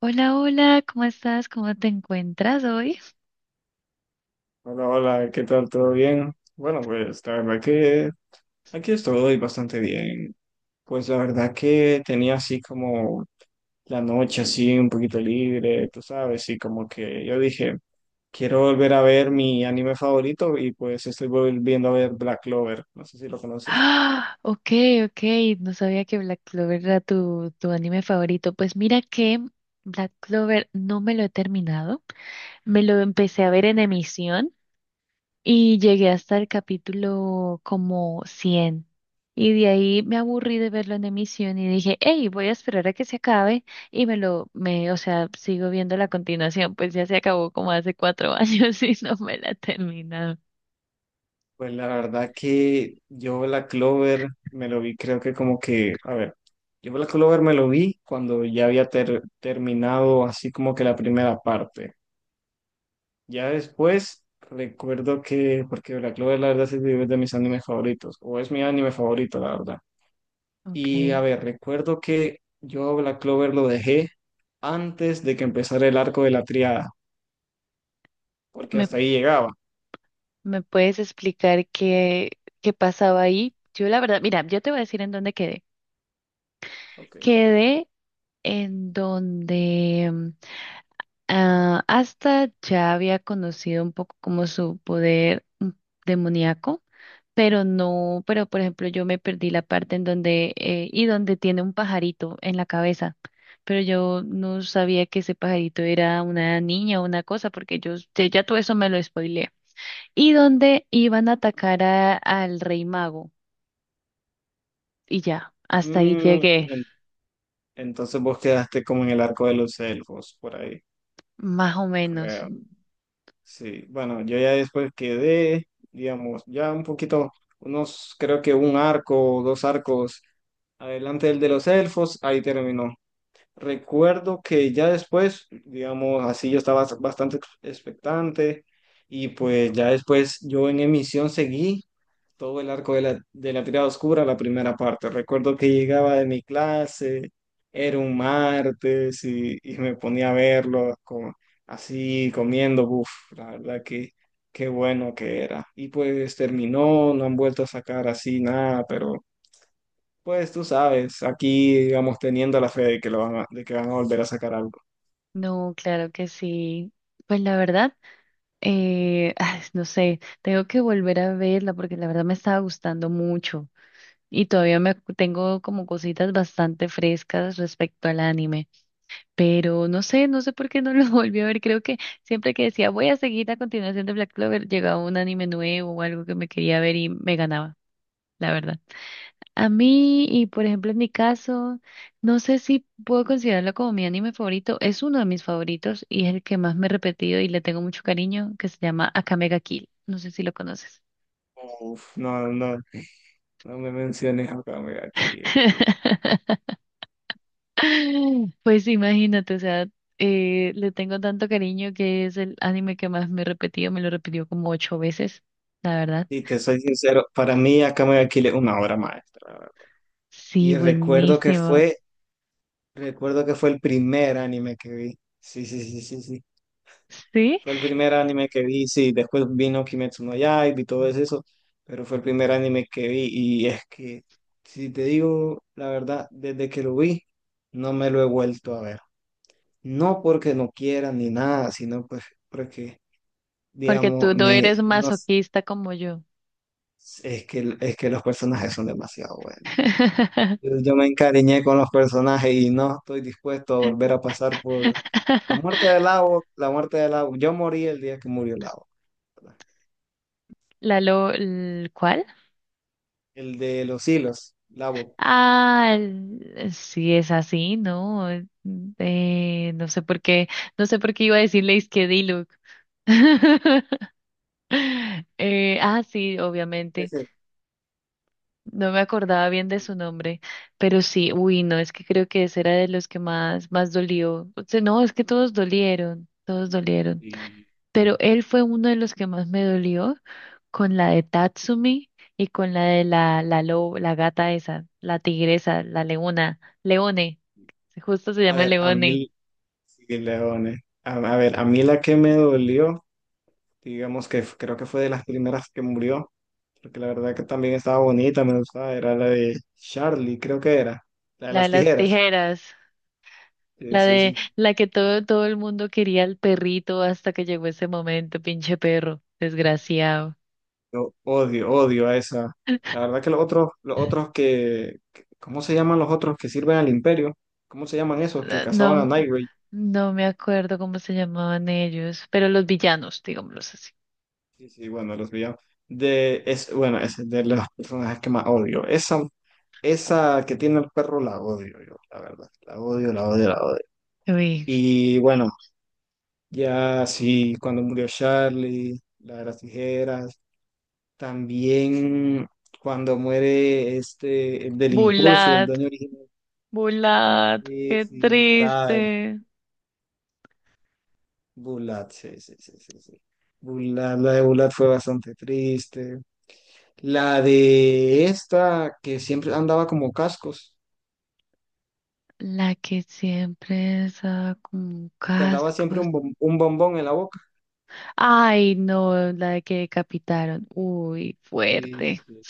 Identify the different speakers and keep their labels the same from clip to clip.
Speaker 1: Hola, hola, ¿cómo estás? ¿Cómo te encuentras hoy?
Speaker 2: Hola, hola, ¿qué tal? ¿Todo bien? Bueno, pues la verdad que aquí estoy bastante bien. Pues la verdad que tenía así como la noche así un poquito libre, tú sabes, y como que yo dije, quiero volver a ver mi anime favorito y pues estoy volviendo a ver Black Clover, no sé si lo conoces.
Speaker 1: Ah, ok, ok, no sabía que Black Clover era tu anime favorito. Pues mira que Black Clover no me lo he terminado, me lo empecé a ver en emisión y llegué hasta el capítulo como 100. Y de ahí me aburrí de verlo en emisión y dije, hey, voy a esperar a que se acabe y o sea, sigo viendo la continuación, pues ya se acabó como hace 4 años y no me la he terminado.
Speaker 2: Pues la verdad que yo Black Clover me lo vi, creo que como que, a ver, yo Black Clover me lo vi cuando ya había terminado así como que la primera parte. Ya después recuerdo que, porque Black Clover la verdad sí es de mis animes favoritos, o es mi anime favorito, la verdad. Y a
Speaker 1: Ok.
Speaker 2: ver, recuerdo que yo Black Clover lo dejé antes de que empezara el arco de la triada, porque
Speaker 1: ¿Me,
Speaker 2: hasta ahí llegaba.
Speaker 1: me puedes explicar qué pasaba ahí? Yo la verdad, mira, yo te voy a decir en dónde quedé.
Speaker 2: Ok.
Speaker 1: Quedé en donde hasta ya había conocido un poco como su poder demoníaco, pero no, pero por ejemplo yo me perdí la parte en donde, y donde tiene un pajarito en la cabeza, pero yo no sabía que ese pajarito era una niña o una cosa, porque yo, ya todo eso me lo spoilearon. Y donde iban a atacar al rey mago. Y ya, hasta ahí
Speaker 2: Mm,
Speaker 1: llegué,
Speaker 2: en- entonces vos quedaste como en el arco de los elfos, por ahí,
Speaker 1: más o menos.
Speaker 2: creo. Sí, bueno, yo ya después quedé, digamos, ya un poquito, unos, creo que un arco, o dos arcos adelante del de los elfos, ahí terminó. Recuerdo que ya después, digamos, así yo estaba bastante expectante y pues ya después yo en emisión seguí todo el arco de la tirada oscura, la primera parte. Recuerdo que llegaba de mi clase, era un martes y me ponía a verlo como, así comiendo, uff, la verdad que qué bueno que era. Y pues terminó, no han vuelto a sacar así nada, pero pues tú sabes, aquí, digamos, teniendo la fe de que lo van a, de que van a volver a sacar algo.
Speaker 1: No, claro que sí. Pues la verdad, ay, no sé, tengo que volver a verla porque la verdad me estaba gustando mucho y todavía tengo como cositas bastante frescas respecto al anime, pero no sé, no sé por qué no lo volví a ver. Creo que siempre que decía voy a seguir la continuación de Black Clover, llegaba un anime nuevo o algo que me quería ver y me ganaba, la verdad. A mí, y por ejemplo en mi caso, no sé si puedo considerarlo como mi anime favorito, es uno de mis favoritos y es el que más me he repetido y le tengo mucho cariño, que se llama Akame ga Kill. No sé si lo conoces.
Speaker 2: Uf, no, no, no me menciones a Kame ga Kill, uf.
Speaker 1: Pues imagínate, o sea, le tengo tanto cariño que es el anime que más me he repetido, me lo repitió como ocho veces, la verdad.
Speaker 2: Y te soy sincero, para mí a Kame ga Kill es una obra maestra, la verdad.
Speaker 1: Sí,
Speaker 2: Y recuerdo que
Speaker 1: buenísimo.
Speaker 2: fue, Recuerdo que fue el primer anime que vi. Sí, sí, sí, sí, sí.
Speaker 1: ¿Sí?
Speaker 2: Fue el primer anime que vi, sí. Después vino Kimetsu no Yaiba y todo eso, pero fue el primer anime que vi. Y es que, si te digo la verdad, desde que lo vi, no me lo he vuelto a ver. No porque no quiera ni nada, sino pues porque,
Speaker 1: Porque
Speaker 2: digamos,
Speaker 1: tú no
Speaker 2: me,
Speaker 1: eres
Speaker 2: no s-
Speaker 1: masoquista como yo.
Speaker 2: es que los personajes son demasiado buenos. Yo me encariñé con los personajes y no estoy dispuesto a volver a pasar por la muerte de Lavo, la muerte de Lavo. Yo morí el día que murió Lavo, ¿verdad?
Speaker 1: ¿Cuál?
Speaker 2: El de los hilos, Lavo.
Speaker 1: Ah, sí es así, ¿no? No sé por qué, no sé por qué iba a decirle es que Diluc. Sí, obviamente.
Speaker 2: Ese.
Speaker 1: No me acordaba bien de su nombre, pero sí, uy, no, es que creo que ese era de los que más, más dolió. O sea, no, es que todos dolieron, todos dolieron.
Speaker 2: Y,
Speaker 1: Pero él fue uno de los que más me dolió con la de Tatsumi y con la de la lobo, la gata esa, la tigresa, la leona, Leone, justo se
Speaker 2: a
Speaker 1: llama
Speaker 2: ver, a
Speaker 1: Leone,
Speaker 2: mí, sí, Leone. A ver, a mí la que me dolió, digamos que creo que fue de las primeras que murió, porque la verdad que también estaba bonita, me gustaba, era la de Charlie, creo que era, la de
Speaker 1: la de
Speaker 2: las
Speaker 1: las
Speaker 2: tijeras.
Speaker 1: tijeras,
Speaker 2: Sí,
Speaker 1: la
Speaker 2: sí,
Speaker 1: de
Speaker 2: sí.
Speaker 1: la que todo, todo el mundo quería al perrito hasta que llegó ese momento, pinche perro, desgraciado.
Speaker 2: Yo odio, odio a esa. La verdad que los otros, ¿cómo se llaman los otros que sirven al imperio? ¿Cómo se llaman esos que cazaban a
Speaker 1: No,
Speaker 2: Nightwing?
Speaker 1: no me acuerdo cómo se llamaban ellos, pero los villanos, digámoslos así.
Speaker 2: Sí, sí, bueno, los villanos. De, es, bueno, es de los personajes que más odio. Esa que tiene el perro la odio yo, la verdad. La odio, la odio, la odio.
Speaker 1: Uy,
Speaker 2: Y bueno. Ya, sí, cuando murió Charlie, la de las tijeras, también cuando muere este, el del Impulso, el
Speaker 1: Bulat,
Speaker 2: dueño original,
Speaker 1: Bulat,
Speaker 2: sí,
Speaker 1: qué
Speaker 2: sí, la de
Speaker 1: triste.
Speaker 2: Bulat, sí, sí, sí, sí, sí. Bulat, la de Bulat fue bastante triste. La de esta, que siempre andaba como cascos,
Speaker 1: La que siempre usaba como
Speaker 2: Que andaba siempre
Speaker 1: cascos.
Speaker 2: un bombón en la boca.
Speaker 1: Ay, no, la de que decapitaron. Uy,
Speaker 2: Sí,
Speaker 1: fuerte.
Speaker 2: sí.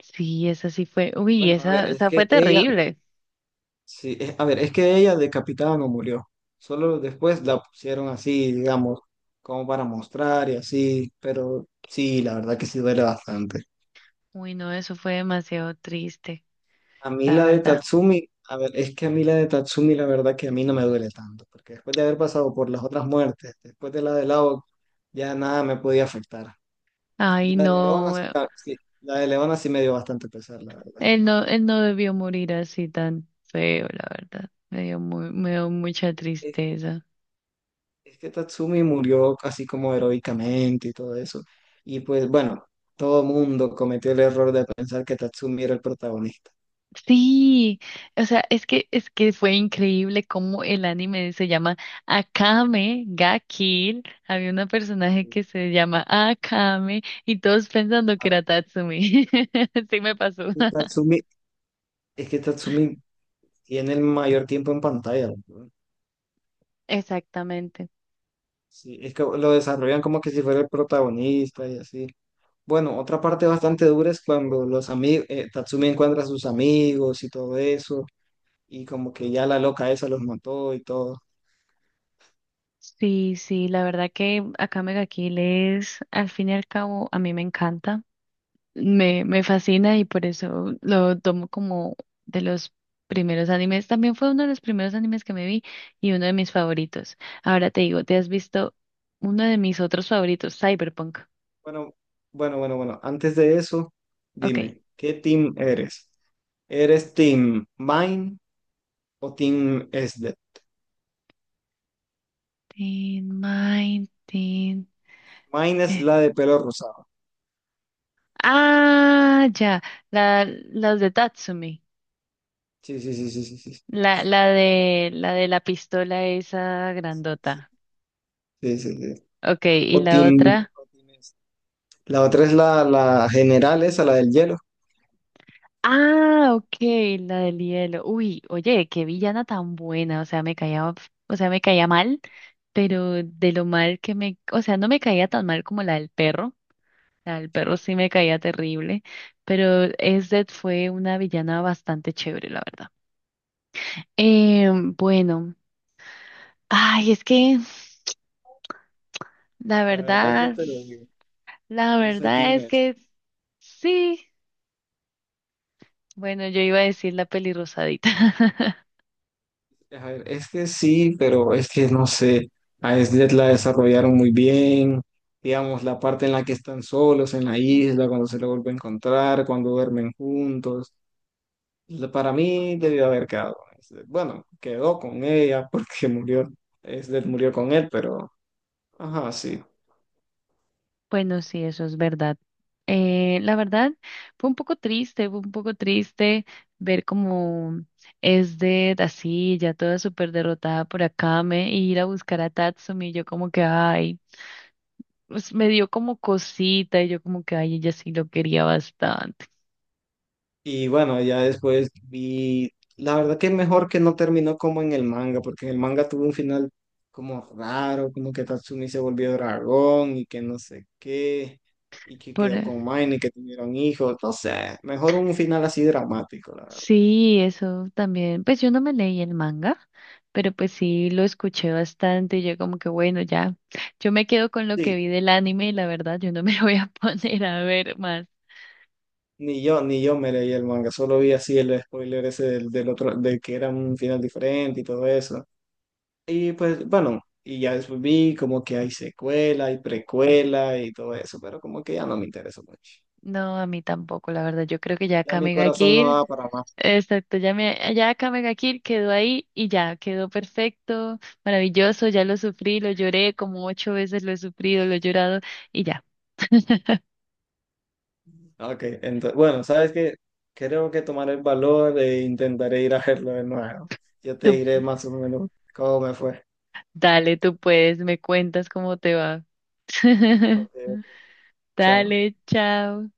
Speaker 1: Sí, esa sí fue. Uy,
Speaker 2: Bueno, a ver,
Speaker 1: esa,
Speaker 2: es
Speaker 1: esa fue
Speaker 2: que ella,
Speaker 1: terrible.
Speaker 2: sí, a ver, es que ella decapitada no murió. Solo después la pusieron así, digamos, como para mostrar y así, pero sí, la verdad que sí duele bastante.
Speaker 1: Uy, no, eso fue demasiado triste, la verdad.
Speaker 2: A ver, es que a mí la de Tatsumi la verdad que a mí no me duele tanto, porque después de haber pasado por las otras muertes, después de la de Lao, ya nada me podía afectar. Y
Speaker 1: Ay,
Speaker 2: la de Leona
Speaker 1: no,
Speaker 2: sí, sí, la de Leona sí me dio bastante pesar, la verdad.
Speaker 1: él no, él no debió morir así tan feo, la verdad. Me dio mucha tristeza.
Speaker 2: Es que Tatsumi murió así como heroicamente y todo eso. Y pues bueno, todo mundo cometió el error de pensar que Tatsumi era el protagonista.
Speaker 1: Sí, o sea, es que fue increíble cómo el anime se llama Akame ga Kill. Había una personaje que se llama Akame y todos pensando que
Speaker 2: Ah,
Speaker 1: era Tatsumi. Sí me pasó.
Speaker 2: y Tatsumi, es que Tatsumi tiene el mayor tiempo en pantalla, ¿no?
Speaker 1: Exactamente.
Speaker 2: Sí, es que lo desarrollan como que si fuera el protagonista y así. Bueno, otra parte bastante dura es cuando los amigos, Tatsumi encuentra a sus amigos y todo eso, y como que ya la loca esa los mató y todo.
Speaker 1: Sí, sí, la verdad que Akame ga Kill es, al fin y al cabo, a mí me encanta. Me fascina y por eso lo tomo como de los primeros animes. También fue uno de los primeros animes que me vi y uno de mis favoritos. Ahora te digo, ¿te has visto uno de mis otros favoritos, Cyberpunk?
Speaker 2: Bueno, bueno, bueno, bueno. Antes de eso,
Speaker 1: Ok.
Speaker 2: dime, ¿qué team eres? ¿Eres team Mine o team SD?
Speaker 1: Teen Mind,
Speaker 2: Mine es
Speaker 1: eh.
Speaker 2: la de pelo rosado.
Speaker 1: Ah, ya. Las de Tatsumi.
Speaker 2: Sí, sí, sí, sí, sí, sí.
Speaker 1: La de la pistola esa
Speaker 2: Sí,
Speaker 1: grandota.
Speaker 2: sí, sí, sí.
Speaker 1: Ok, y la otra.
Speaker 2: O team SD. La otra es la general, esa, la del hielo.
Speaker 1: Ah, ok, la del hielo. Uy, oye, qué villana tan buena. O sea, me caía mal, pero de lo mal que me, o sea, no me caía tan mal como la del perro. La del perro
Speaker 2: Sí.
Speaker 1: sí me caía terrible, pero Ezdet fue una villana bastante chévere, la verdad. Eh, bueno, ay, es que la
Speaker 2: La verdad, yo
Speaker 1: verdad,
Speaker 2: te lo digo.
Speaker 1: la
Speaker 2: Yo soy
Speaker 1: verdad
Speaker 2: team
Speaker 1: es
Speaker 2: SD.
Speaker 1: que sí. Bueno, yo iba a decir la peli rosadita.
Speaker 2: A ver, es que sí, pero es que no sé, a Sled la desarrollaron muy bien, digamos, la parte en la que están solos en la isla, cuando se lo vuelve a encontrar, cuando duermen juntos, para mí debió haber quedado con Slade. Bueno, quedó con ella porque murió, Sled murió con él, pero, ajá, sí.
Speaker 1: Bueno, sí, eso es verdad. La verdad, fue un poco triste, fue un poco triste ver cómo es de así, ya toda súper derrotada por Akame, y ir a buscar a Tatsumi, y yo como que, ay, pues me dio como cosita, y yo como que, ay, ella sí lo quería bastante.
Speaker 2: Y bueno, ya después vi, la verdad que mejor que no terminó como en el manga, porque en el manga tuvo un final como raro, como que Tatsumi se volvió dragón y que no sé qué, y que
Speaker 1: Por,
Speaker 2: quedó
Speaker 1: eh,
Speaker 2: con Mine y que tuvieron hijos, no sé, mejor un final así dramático, la verdad.
Speaker 1: sí, eso también. Pues yo no me leí el manga, pero pues sí lo escuché bastante, y yo como que, bueno, ya. Yo me quedo con lo que
Speaker 2: Sí,
Speaker 1: vi del anime y la verdad yo no me voy a
Speaker 2: sí.
Speaker 1: poner a ver más.
Speaker 2: Ni yo, ni yo me leí el manga, solo vi así el spoiler ese del otro, de que era un final diferente y todo eso. Y pues bueno, y ya después vi como que hay secuela y precuela y todo eso, pero como que ya no me interesó mucho.
Speaker 1: No, a mí tampoco, la verdad. Yo creo que ya
Speaker 2: Ya mi
Speaker 1: Kamega
Speaker 2: corazón no
Speaker 1: Kill,
Speaker 2: da para más.
Speaker 1: exacto, ya Kamega Kill quedó ahí y ya, quedó perfecto, maravilloso, ya lo sufrí, lo lloré como ocho veces, lo he sufrido, lo he llorado y ya.
Speaker 2: Ok, entonces, bueno, ¿sabes qué? Creo que tomaré el valor e intentaré ir a verlo de nuevo. Yo te
Speaker 1: Tú,
Speaker 2: diré más o menos cómo me fue.
Speaker 1: dale, tú puedes, me cuentas cómo te va.
Speaker 2: Ok, chao.
Speaker 1: Dale, chao.